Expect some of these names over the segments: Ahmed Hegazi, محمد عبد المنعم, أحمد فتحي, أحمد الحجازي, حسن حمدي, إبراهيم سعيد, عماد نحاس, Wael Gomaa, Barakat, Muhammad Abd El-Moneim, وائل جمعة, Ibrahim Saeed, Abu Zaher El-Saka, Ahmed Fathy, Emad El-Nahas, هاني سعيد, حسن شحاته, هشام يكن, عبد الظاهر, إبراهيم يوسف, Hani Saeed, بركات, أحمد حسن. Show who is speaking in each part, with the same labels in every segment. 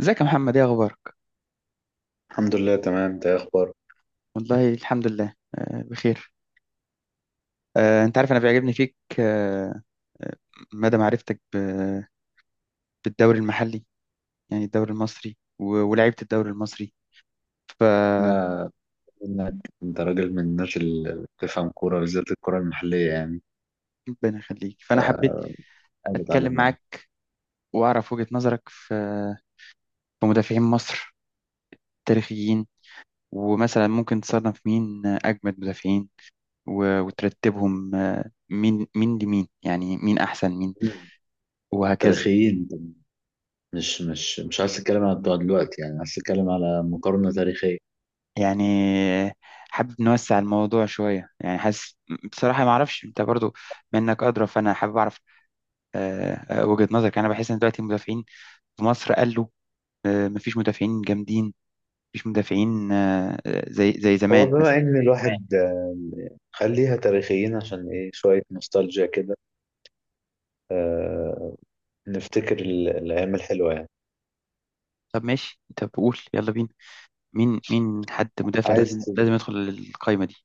Speaker 1: ازيك يا محمد، ايه اخبارك؟
Speaker 2: الحمد لله تمام، انت ايه اخبارك؟
Speaker 1: والله الحمد لله، بخير. انت عارف، انا بيعجبني فيك آه، مدى معرفتك بالدوري المحلي، يعني الدوري المصري ولعيبة الدوري المصري. ف
Speaker 2: انا انك انت راجل من الناس اللي بتفهم كوره، بالذات الكوره المحليه يعني.
Speaker 1: ربنا يخليك، فانا حبيت
Speaker 2: حاول
Speaker 1: اتكلم
Speaker 2: اتعلم منها.
Speaker 1: معاك واعرف وجهة نظرك في مدافعين مصر تاريخيين. ومثلا ممكن تصنف مين اجمد مدافعين وترتبهم، مين لمين، يعني مين احسن مين
Speaker 2: مم.
Speaker 1: وهكذا.
Speaker 2: تاريخيين، مش عايز اتكلم عن بتوع دلوقتي يعني، عايز اتكلم على مقارنه تاريخيه.
Speaker 1: يعني حابب نوسع الموضوع شوية، يعني حاسس بصراحة ما أعرفش، أنت برضو منك أدرى، فأنا حابب أعرف آه، وجهة نظرك. يعني أنا بحس إن دلوقتي المدافعين في مصر، قالوا مفيش مدافعين جامدين، مفيش مدافعين زي
Speaker 2: هو
Speaker 1: زمان
Speaker 2: بما
Speaker 1: مثلا.
Speaker 2: ان الواحد خليها تاريخيين، عشان ايه شويه نوستالجيا كده. آه، نفتكر الايام الحلوه يعني.
Speaker 1: طب ماشي، طب قول يلا بينا، مين حد مدافع
Speaker 2: عايز
Speaker 1: لازم
Speaker 2: ت-
Speaker 1: لازم يدخل القايمة دي.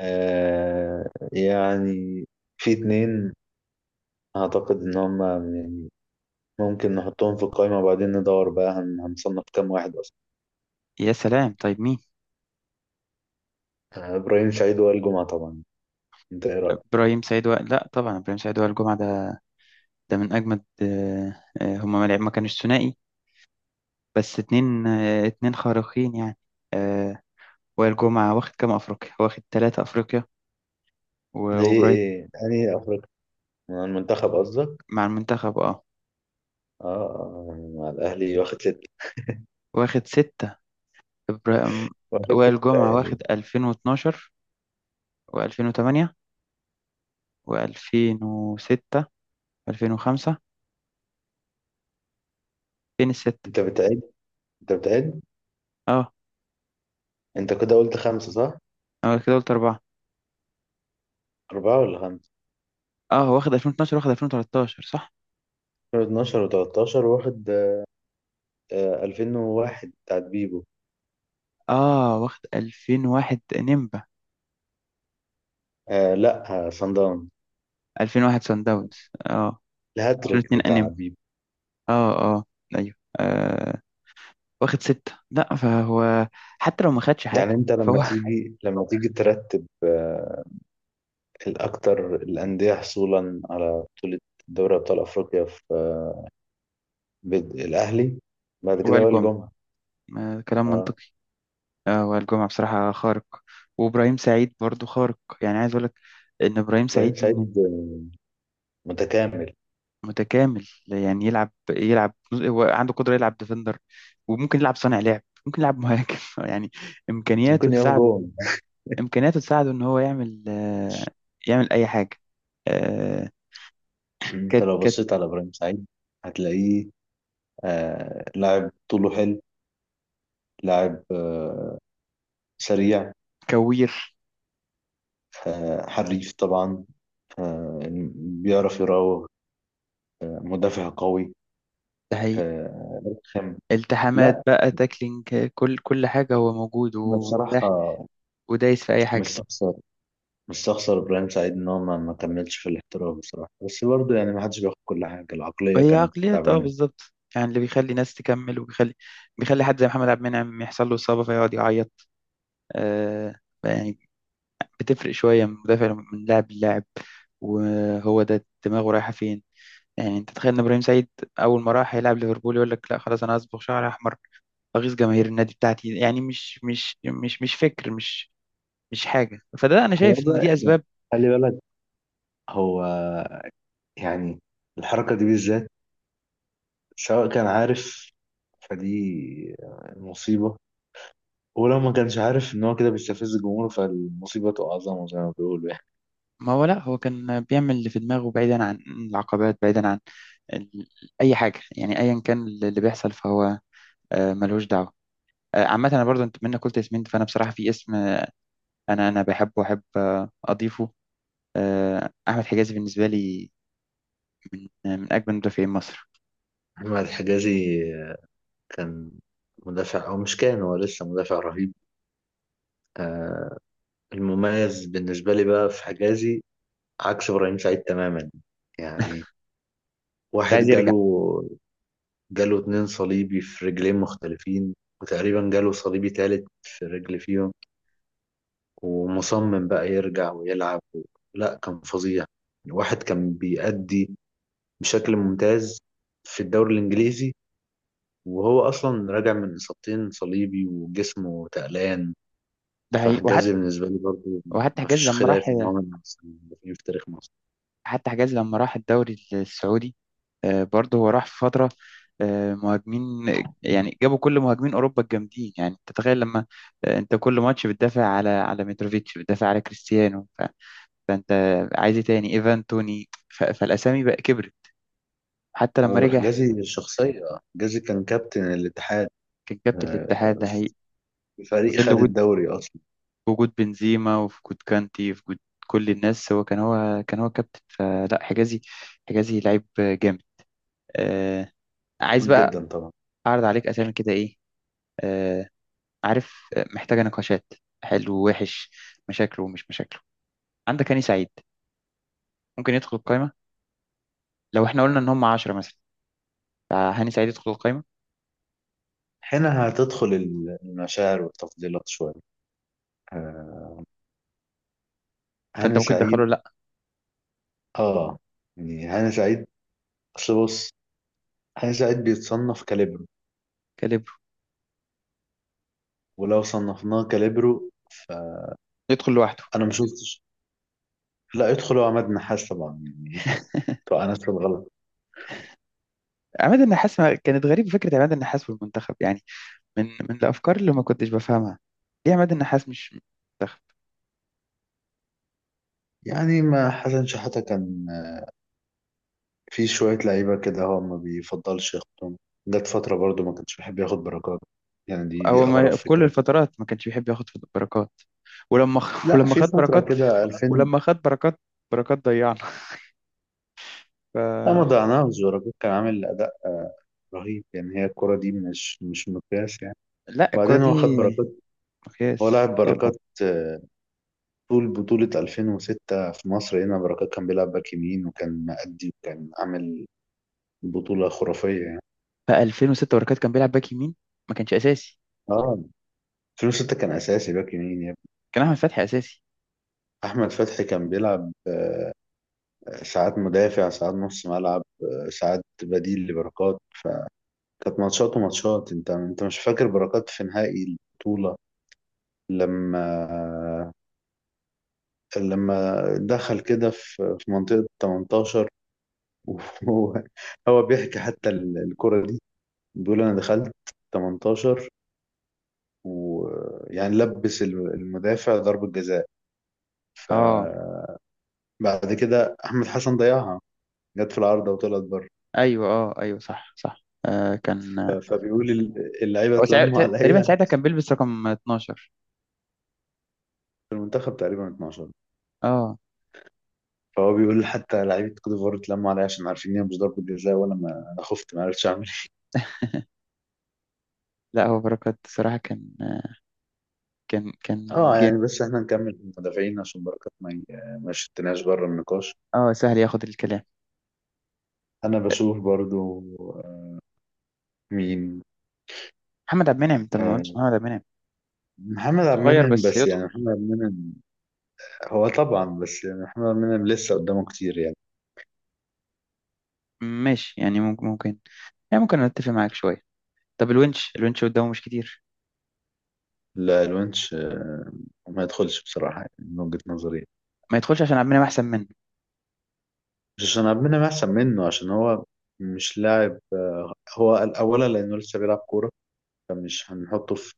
Speaker 2: آه، يعني في اتنين اعتقد ان هم ممكن نحطهم في القائمة، وبعدين ندور بقى هنصنف كام واحد أصلا.
Speaker 1: يا سلام، طيب مين؟
Speaker 2: إبراهيم سعيد، وائل جمعة طبعا. أنت إيه رأيك؟
Speaker 1: لا طبعا، إبراهيم سعيد وائل الجمعة، ده من أجمد. هما ما كانوش ثنائي، بس اتنين خارقين يعني. آه، وائل جمعة واخد كام أفريقيا؟ واخد 3 أفريقيا.
Speaker 2: ليه
Speaker 1: وإبراهيم...
Speaker 2: إيه؟ يعني أفريقيا من المنتخب قصدك؟
Speaker 1: مع المنتخب، اه،
Speaker 2: يعني مع الأهلي واخد ستة.
Speaker 1: واخد 6. إبراهيم...
Speaker 2: واخد
Speaker 1: وائل
Speaker 2: ستة
Speaker 1: جمعة
Speaker 2: يعني.
Speaker 1: واخد 2012، وألفين وتمانية، وألفين وستة، وألفين وخمسة. فين الستة؟
Speaker 2: أنت بتعد أنت بتعد.
Speaker 1: اه،
Speaker 2: أنت كده قلت خمسة صح؟
Speaker 1: أنا كده قلت 4.
Speaker 2: أربعة ولا خمسة؟
Speaker 1: اه، واخد 2012، واخد 2013، صح.
Speaker 2: 2012 و13 واخد 2001 بتاعت بيبو.
Speaker 1: اه، واخد 2001 نيمبا.
Speaker 2: آه لا، صن داونز،
Speaker 1: 2001 سان داونز، اه. ألفين
Speaker 2: الهاتريك
Speaker 1: واتنين
Speaker 2: بتاع
Speaker 1: أنيمبا.
Speaker 2: بيبو.
Speaker 1: اه، اه، أيوه. واخد 6، لا فهو حتى لو ما خدش
Speaker 2: يعني
Speaker 1: حاجة
Speaker 2: أنت لما
Speaker 1: فهو
Speaker 2: تيجي، ترتب الأكثر الأندية حصولا على بطولة دوري أبطال أفريقيا، في الأهلي، بعد كده
Speaker 1: وائل
Speaker 2: بقى
Speaker 1: جمعة
Speaker 2: الجمعة.
Speaker 1: آه، كلام
Speaker 2: اه.
Speaker 1: منطقي. وائل جمعة بصراحة خارق، وإبراهيم سعيد برضو خارق. يعني عايز أقولك إن إبراهيم
Speaker 2: إبراهيم
Speaker 1: سعيد
Speaker 2: سعيد متكامل.
Speaker 1: متكامل. يعني يلعب يلعب هو عنده قدرة يلعب ديفندر، وممكن يلعب صانع لعب، ممكن يلعب مهاجم يعني إمكانياته
Speaker 2: ممكن يقف
Speaker 1: تساعده،
Speaker 2: جون.
Speaker 1: إن هو يعمل، يعمل أي حاجة. آه،
Speaker 2: أنت
Speaker 1: كت
Speaker 2: لو
Speaker 1: كت
Speaker 2: بصيت على إبراهيم سعيد هتلاقيه، آه، لاعب طوله حلو، لاعب سريع،
Speaker 1: كوير،
Speaker 2: آه، حريف طبعا، آه، بيعرف يراوغ، آه، مدافع قوي، آه، رخم.
Speaker 1: التحامات
Speaker 2: لا.
Speaker 1: بقى، تاكلينج، كل حاجة هو موجود
Speaker 2: أنا بصراحة
Speaker 1: ومتاح، ودايس في أي
Speaker 2: مش
Speaker 1: حاجة.
Speaker 2: شخص، بس اخسر ابراهيم سعيد ان هو ما كملش في الاحتراف بصراحه. بس برضه يعني، ما حدش بياخد كل حاجه، العقليه
Speaker 1: وهي
Speaker 2: كانت
Speaker 1: عقليات، اه،
Speaker 2: تعبانه.
Speaker 1: بالظبط. يعني اللي بيخلي ناس تكمل، وبيخلي حد زي محمد عبد المنعم يحصل له إصابة فيقعد يعيط. آه يعني بتفرق شوية من مدافع، من لاعب للاعب. وهو ده دماغه رايحة فين؟ يعني انت تخيل ان ابراهيم سعيد اول ما راح يلعب ليفربول، يقول لك لا خلاص، انا هصبغ شعر احمر، اغيظ جماهير النادي بتاعتي. يعني مش فكر، مش حاجة. فده انا
Speaker 2: هو
Speaker 1: شايف ان
Speaker 2: بقى
Speaker 1: دي
Speaker 2: يعني،
Speaker 1: اسباب.
Speaker 2: خلي بالك، هو يعني الحركه دي بالذات سواء كان عارف فدي مصيبه، ولو ما كانش عارف ان هو كده بيستفز الجمهور فالمصيبه تبقى اعظم زي ما بيقولوا يعني.
Speaker 1: ما هو، لا هو كان بيعمل اللي في دماغه، بعيدا عن العقبات، بعيدا عن ال... أي حاجة. يعني أيا كان اللي بيحصل فهو، ملهوش دعوة. عامة، أنا برضو أنت منك قلت اسمين، فأنا بصراحة في اسم، أنا بحبه وأحب أضيفه. أحمد حجازي بالنسبة لي، من من أجمل مدافعين مصر.
Speaker 2: احمد الحجازي كان مدافع، او مش كان، هو لسه مدافع رهيب. آه، المميز بالنسبه لي بقى في حجازي، عكس ابراهيم سعيد تماما. يعني
Speaker 1: مش
Speaker 2: واحد
Speaker 1: عايز يرجع.
Speaker 2: جاله اتنين صليبي في رجلين مختلفين، وتقريبا جاله صليبي تالت في رجل فيهم، ومصمم بقى يرجع ويلعب. لا، كان فظيع. الواحد كان بيأدي بشكل ممتاز في الدوري الإنجليزي، وهو أصلا راجع من إصابتين صليبي وجسمه تقلان.
Speaker 1: ده حقيقي.
Speaker 2: فحجازي
Speaker 1: وحتى...
Speaker 2: بالنسبة لي برضه
Speaker 1: وحتى حجازي
Speaker 2: مفيش
Speaker 1: لما
Speaker 2: خلاف
Speaker 1: راح،
Speaker 2: إن هو من أحسن المدافعين في تاريخ مصر.
Speaker 1: حتى حجاز لما راح الدوري السعودي، برضه هو راح في فترة مهاجمين. يعني جابوا كل مهاجمين أوروبا الجامدين. يعني أنت تتخيل لما، أنت كل ماتش بتدافع على متروفيتش، بتدافع على كريستيانو، فأنت عايز إيه تاني؟ إيفان توني. فالأسامي بقى كبرت. حتى لما
Speaker 2: هو
Speaker 1: رجع،
Speaker 2: حجازي الشخصية، حجازي كان كابتن الاتحاد،
Speaker 1: كان كابتن
Speaker 2: آه،
Speaker 1: الاتحاد ده. هي في
Speaker 2: فريق
Speaker 1: ظل
Speaker 2: خد
Speaker 1: وجود،
Speaker 2: الدوري اصلا.
Speaker 1: وجود بنزيما، وفي وجود كانتي، وفي وجود كل الناس، هو كابتن، فلا حجازي... حجازي لعيب جامد آه، عايز
Speaker 2: جميل
Speaker 1: بقى
Speaker 2: جدا طبعا.
Speaker 1: أعرض عليك أسامي كده، إيه؟ آه، عارف، محتاجة نقاشات. حلو ووحش، مشاكله ومش مشاكله. عندك هاني سعيد، ممكن يدخل القايمة. لو احنا قلنا ان هم 10 مثلا، فهاني سعيد يدخل القايمة.
Speaker 2: هنا هتدخل المشاعر والتفضيلات شويه. آه،
Speaker 1: فانت
Speaker 2: هاني
Speaker 1: ممكن تدخله؟
Speaker 2: سعيد،
Speaker 1: لا.
Speaker 2: اه يعني هاني سعيد، اصل بص، هاني سعيد بيتصنف كاليبرو،
Speaker 1: كاليبرو،
Speaker 2: ولو صنفناه كاليبرو فانا
Speaker 1: يدخل لوحده.
Speaker 2: ما شفتش. لا، يدخل عماد نحاس طبعا يعني. طبعا انا في الغلط.
Speaker 1: عماد النحاس... كانت غريبة فكرة عماد النحاس في المنتخب، يعني من الافكار اللي ما كنتش بفهمها. ليه عماد النحاس مش منتخب؟
Speaker 2: يعني ما حسن شحاته كان في شويه لعيبه كده هو ما بيفضلش ياخدهم. جت فتره برضو ما كانش بيحب ياخد بركات، يعني دي
Speaker 1: هو
Speaker 2: اغرب
Speaker 1: ما كل
Speaker 2: فكره.
Speaker 1: الفترات ما كانش بيحب ياخد بركات. ولما
Speaker 2: لا
Speaker 1: ولما
Speaker 2: في
Speaker 1: خد
Speaker 2: فتره
Speaker 1: بركات
Speaker 2: كده.
Speaker 1: ولما خد بركات بركات ضيعنا. ف...
Speaker 2: لا، ما ضيعناهوش، بركات كان عامل أداء رهيب يعني. هي الكرة دي مش مقياس يعني.
Speaker 1: لا الكرة
Speaker 2: وبعدين
Speaker 1: دي
Speaker 2: هو خد بركات. هو
Speaker 1: مقياس.
Speaker 2: لاعب
Speaker 1: يلا.
Speaker 2: بركات طول بطولة 2006 في مصر هنا، بركات كان بيلعب باك يمين، وكان مأدي، وكان عامل بطولة خرافية يعني.
Speaker 1: بقى 2006 بركات كان بيلعب باك يمين؟ ما كانش اساسي،
Speaker 2: اه، 2006 كان أساسي باك يمين يا ابني.
Speaker 1: كان احمد فتحي اساسي.
Speaker 2: أحمد فتحي كان بيلعب ساعات مدافع، ساعات نص ملعب، ساعات بديل لبركات. فكانت ماتشات وماتشات. أنت مش فاكر بركات في نهائي البطولة، لما دخل كده في منطقة 18؟ وهو، بيحكي حتى الكرة دي. بيقول أنا دخلت 18، ويعني لبس المدافع ضربة جزاء.
Speaker 1: اه،
Speaker 2: فبعد كده أحمد حسن ضيعها، جت في العارضة وطلعت بره.
Speaker 1: ايوه، اه، ايوه، صح صح. كان
Speaker 2: فبيقول اللعيبة
Speaker 1: هو
Speaker 2: اتلموا
Speaker 1: تقريبا
Speaker 2: عليا،
Speaker 1: ساعتها كان بيلبس رقم 12.
Speaker 2: في المنتخب تقريبا 12.
Speaker 1: اه.
Speaker 2: فهو بيقول حتى لعيبة كوت ديفوار اتلموا عليا عشان عارفين إن هي مش ضربة جزاء، وأنا ما أنا خفت ما عرفتش أعمل.
Speaker 1: لا، هو بركات صراحة كان
Speaker 2: اه، يعني
Speaker 1: جامد.
Speaker 2: بس احنا نكمل المدافعين عشان بركات ما شتناش بره النقاش.
Speaker 1: اه، سهل ياخد الكلام.
Speaker 2: انا بشوف برضو آه، مين،
Speaker 1: محمد عبد المنعم، انت ما قلتش
Speaker 2: آه،
Speaker 1: محمد عبد المنعم؟
Speaker 2: محمد عبد
Speaker 1: صغير
Speaker 2: المنعم،
Speaker 1: بس
Speaker 2: بس
Speaker 1: يدخل.
Speaker 2: يعني محمد عبد المنعم، هو طبعا، بس يعني محمد عبد المنعم لسه قدامه كتير يعني.
Speaker 1: ماشي، يعني ممكن يعني ممكن اتفق معاك شوية. طب الونش، الونش قدامه مش كتير؟
Speaker 2: لا، الونش ما يدخلش بصراحة يعني، من وجهة نظري.
Speaker 1: ما يدخلش عشان عبد المنعم احسن منه؟
Speaker 2: مش عشان عبد المنعم احسن منه، عشان هو مش لاعب. هو اولا لانه لسه بيلعب كورة، فمش هنحطه في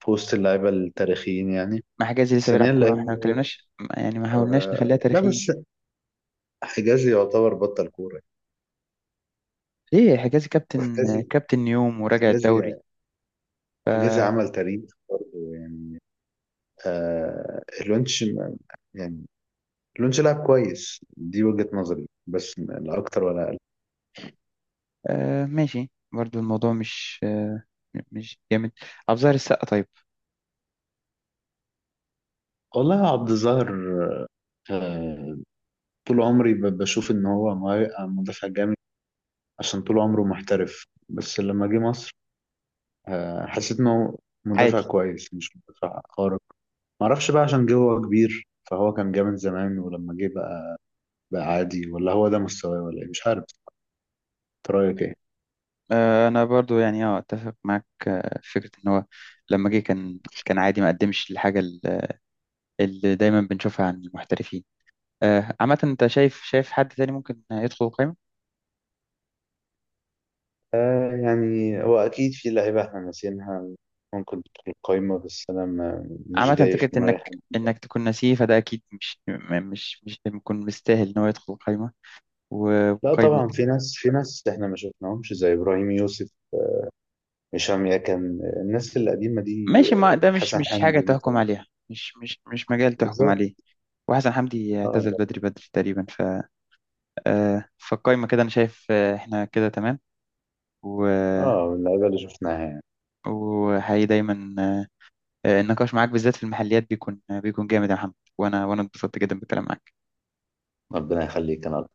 Speaker 2: وسط اللعيبة التاريخيين يعني.
Speaker 1: مع حجازي لسه بيلعب
Speaker 2: ثانيا
Speaker 1: كورة، احنا ما
Speaker 2: لانه
Speaker 1: اتكلمناش، يعني ما حاولناش نخليها
Speaker 2: لا
Speaker 1: تاريخية؟
Speaker 2: بس، حجازي يعتبر بطل كورة،
Speaker 1: ايه، حجازي كابتن،
Speaker 2: وحجازي
Speaker 1: كابتن نيوم وراجع
Speaker 2: وحجازي
Speaker 1: الدوري.
Speaker 2: وحجازي عمل تاريخ برضه يعني. آه الونش ما- يعني الونش لعب كويس، دي وجهة نظري، بس لا أكتر ولا أقل.
Speaker 1: آه ماشي، برضو الموضوع مش جامد. أبو ظاهر السقا طيب؟
Speaker 2: والله، عبد الظاهر، آه طول عمري بشوف إن هو مدافع جامد، عشان طول عمره محترف. بس لما جه مصر حسيت إنه مدافع
Speaker 1: عادي.
Speaker 2: كويس، مش مدافع خارق. معرفش بقى، عشان جه هو كبير فهو كان جامد زمان ولما جه بقى عادي، ولا هو ده مستواه، ولا إيه، مش عارف. انت رايك ايه؟
Speaker 1: انا برضو، يعني اه اتفق معاك، في فكرة ان هو لما جه كان عادي، ما قدمش الحاجة اللي دايما بنشوفها عن المحترفين. آه، عامة انت شايف، حد تاني ممكن يدخل القائمة؟
Speaker 2: يعني هو أكيد في لعيبة إحنا ناسينها ممكن تدخل القايمة، بس أنا ما مش
Speaker 1: عامة
Speaker 2: جاي في
Speaker 1: فكرة
Speaker 2: دماغي
Speaker 1: انك
Speaker 2: حد.
Speaker 1: انك تكون نسيه، فده اكيد مش م- مش مش بيكون مستاهل ان هو يدخل القائمة
Speaker 2: لا
Speaker 1: وقائمة.
Speaker 2: طبعا، في ناس، في ناس إحنا ما شفناهمش زي إبراهيم يوسف، هشام يكن، الناس القديمة دي،
Speaker 1: ماشي، ما ده مش
Speaker 2: حسن
Speaker 1: مش حاجة
Speaker 2: حمدي
Speaker 1: تحكم
Speaker 2: مثلا.
Speaker 1: عليها، مش مجال تحكم
Speaker 2: بالظبط.
Speaker 1: عليه. وحسن حمدي اعتزل بدري
Speaker 2: اه،
Speaker 1: بدري تقريبا. فالقايمة كده أنا شايف، إحنا كده تمام. و
Speaker 2: اه، من اللعيبة اللي شفناها يعني.
Speaker 1: وحقيقي دايما، النقاش معاك بالذات في المحليات بيكون جامد يا محمد، وأنا اتبسطت جدا بالكلام معاك.
Speaker 2: ربنا يخليك، أنا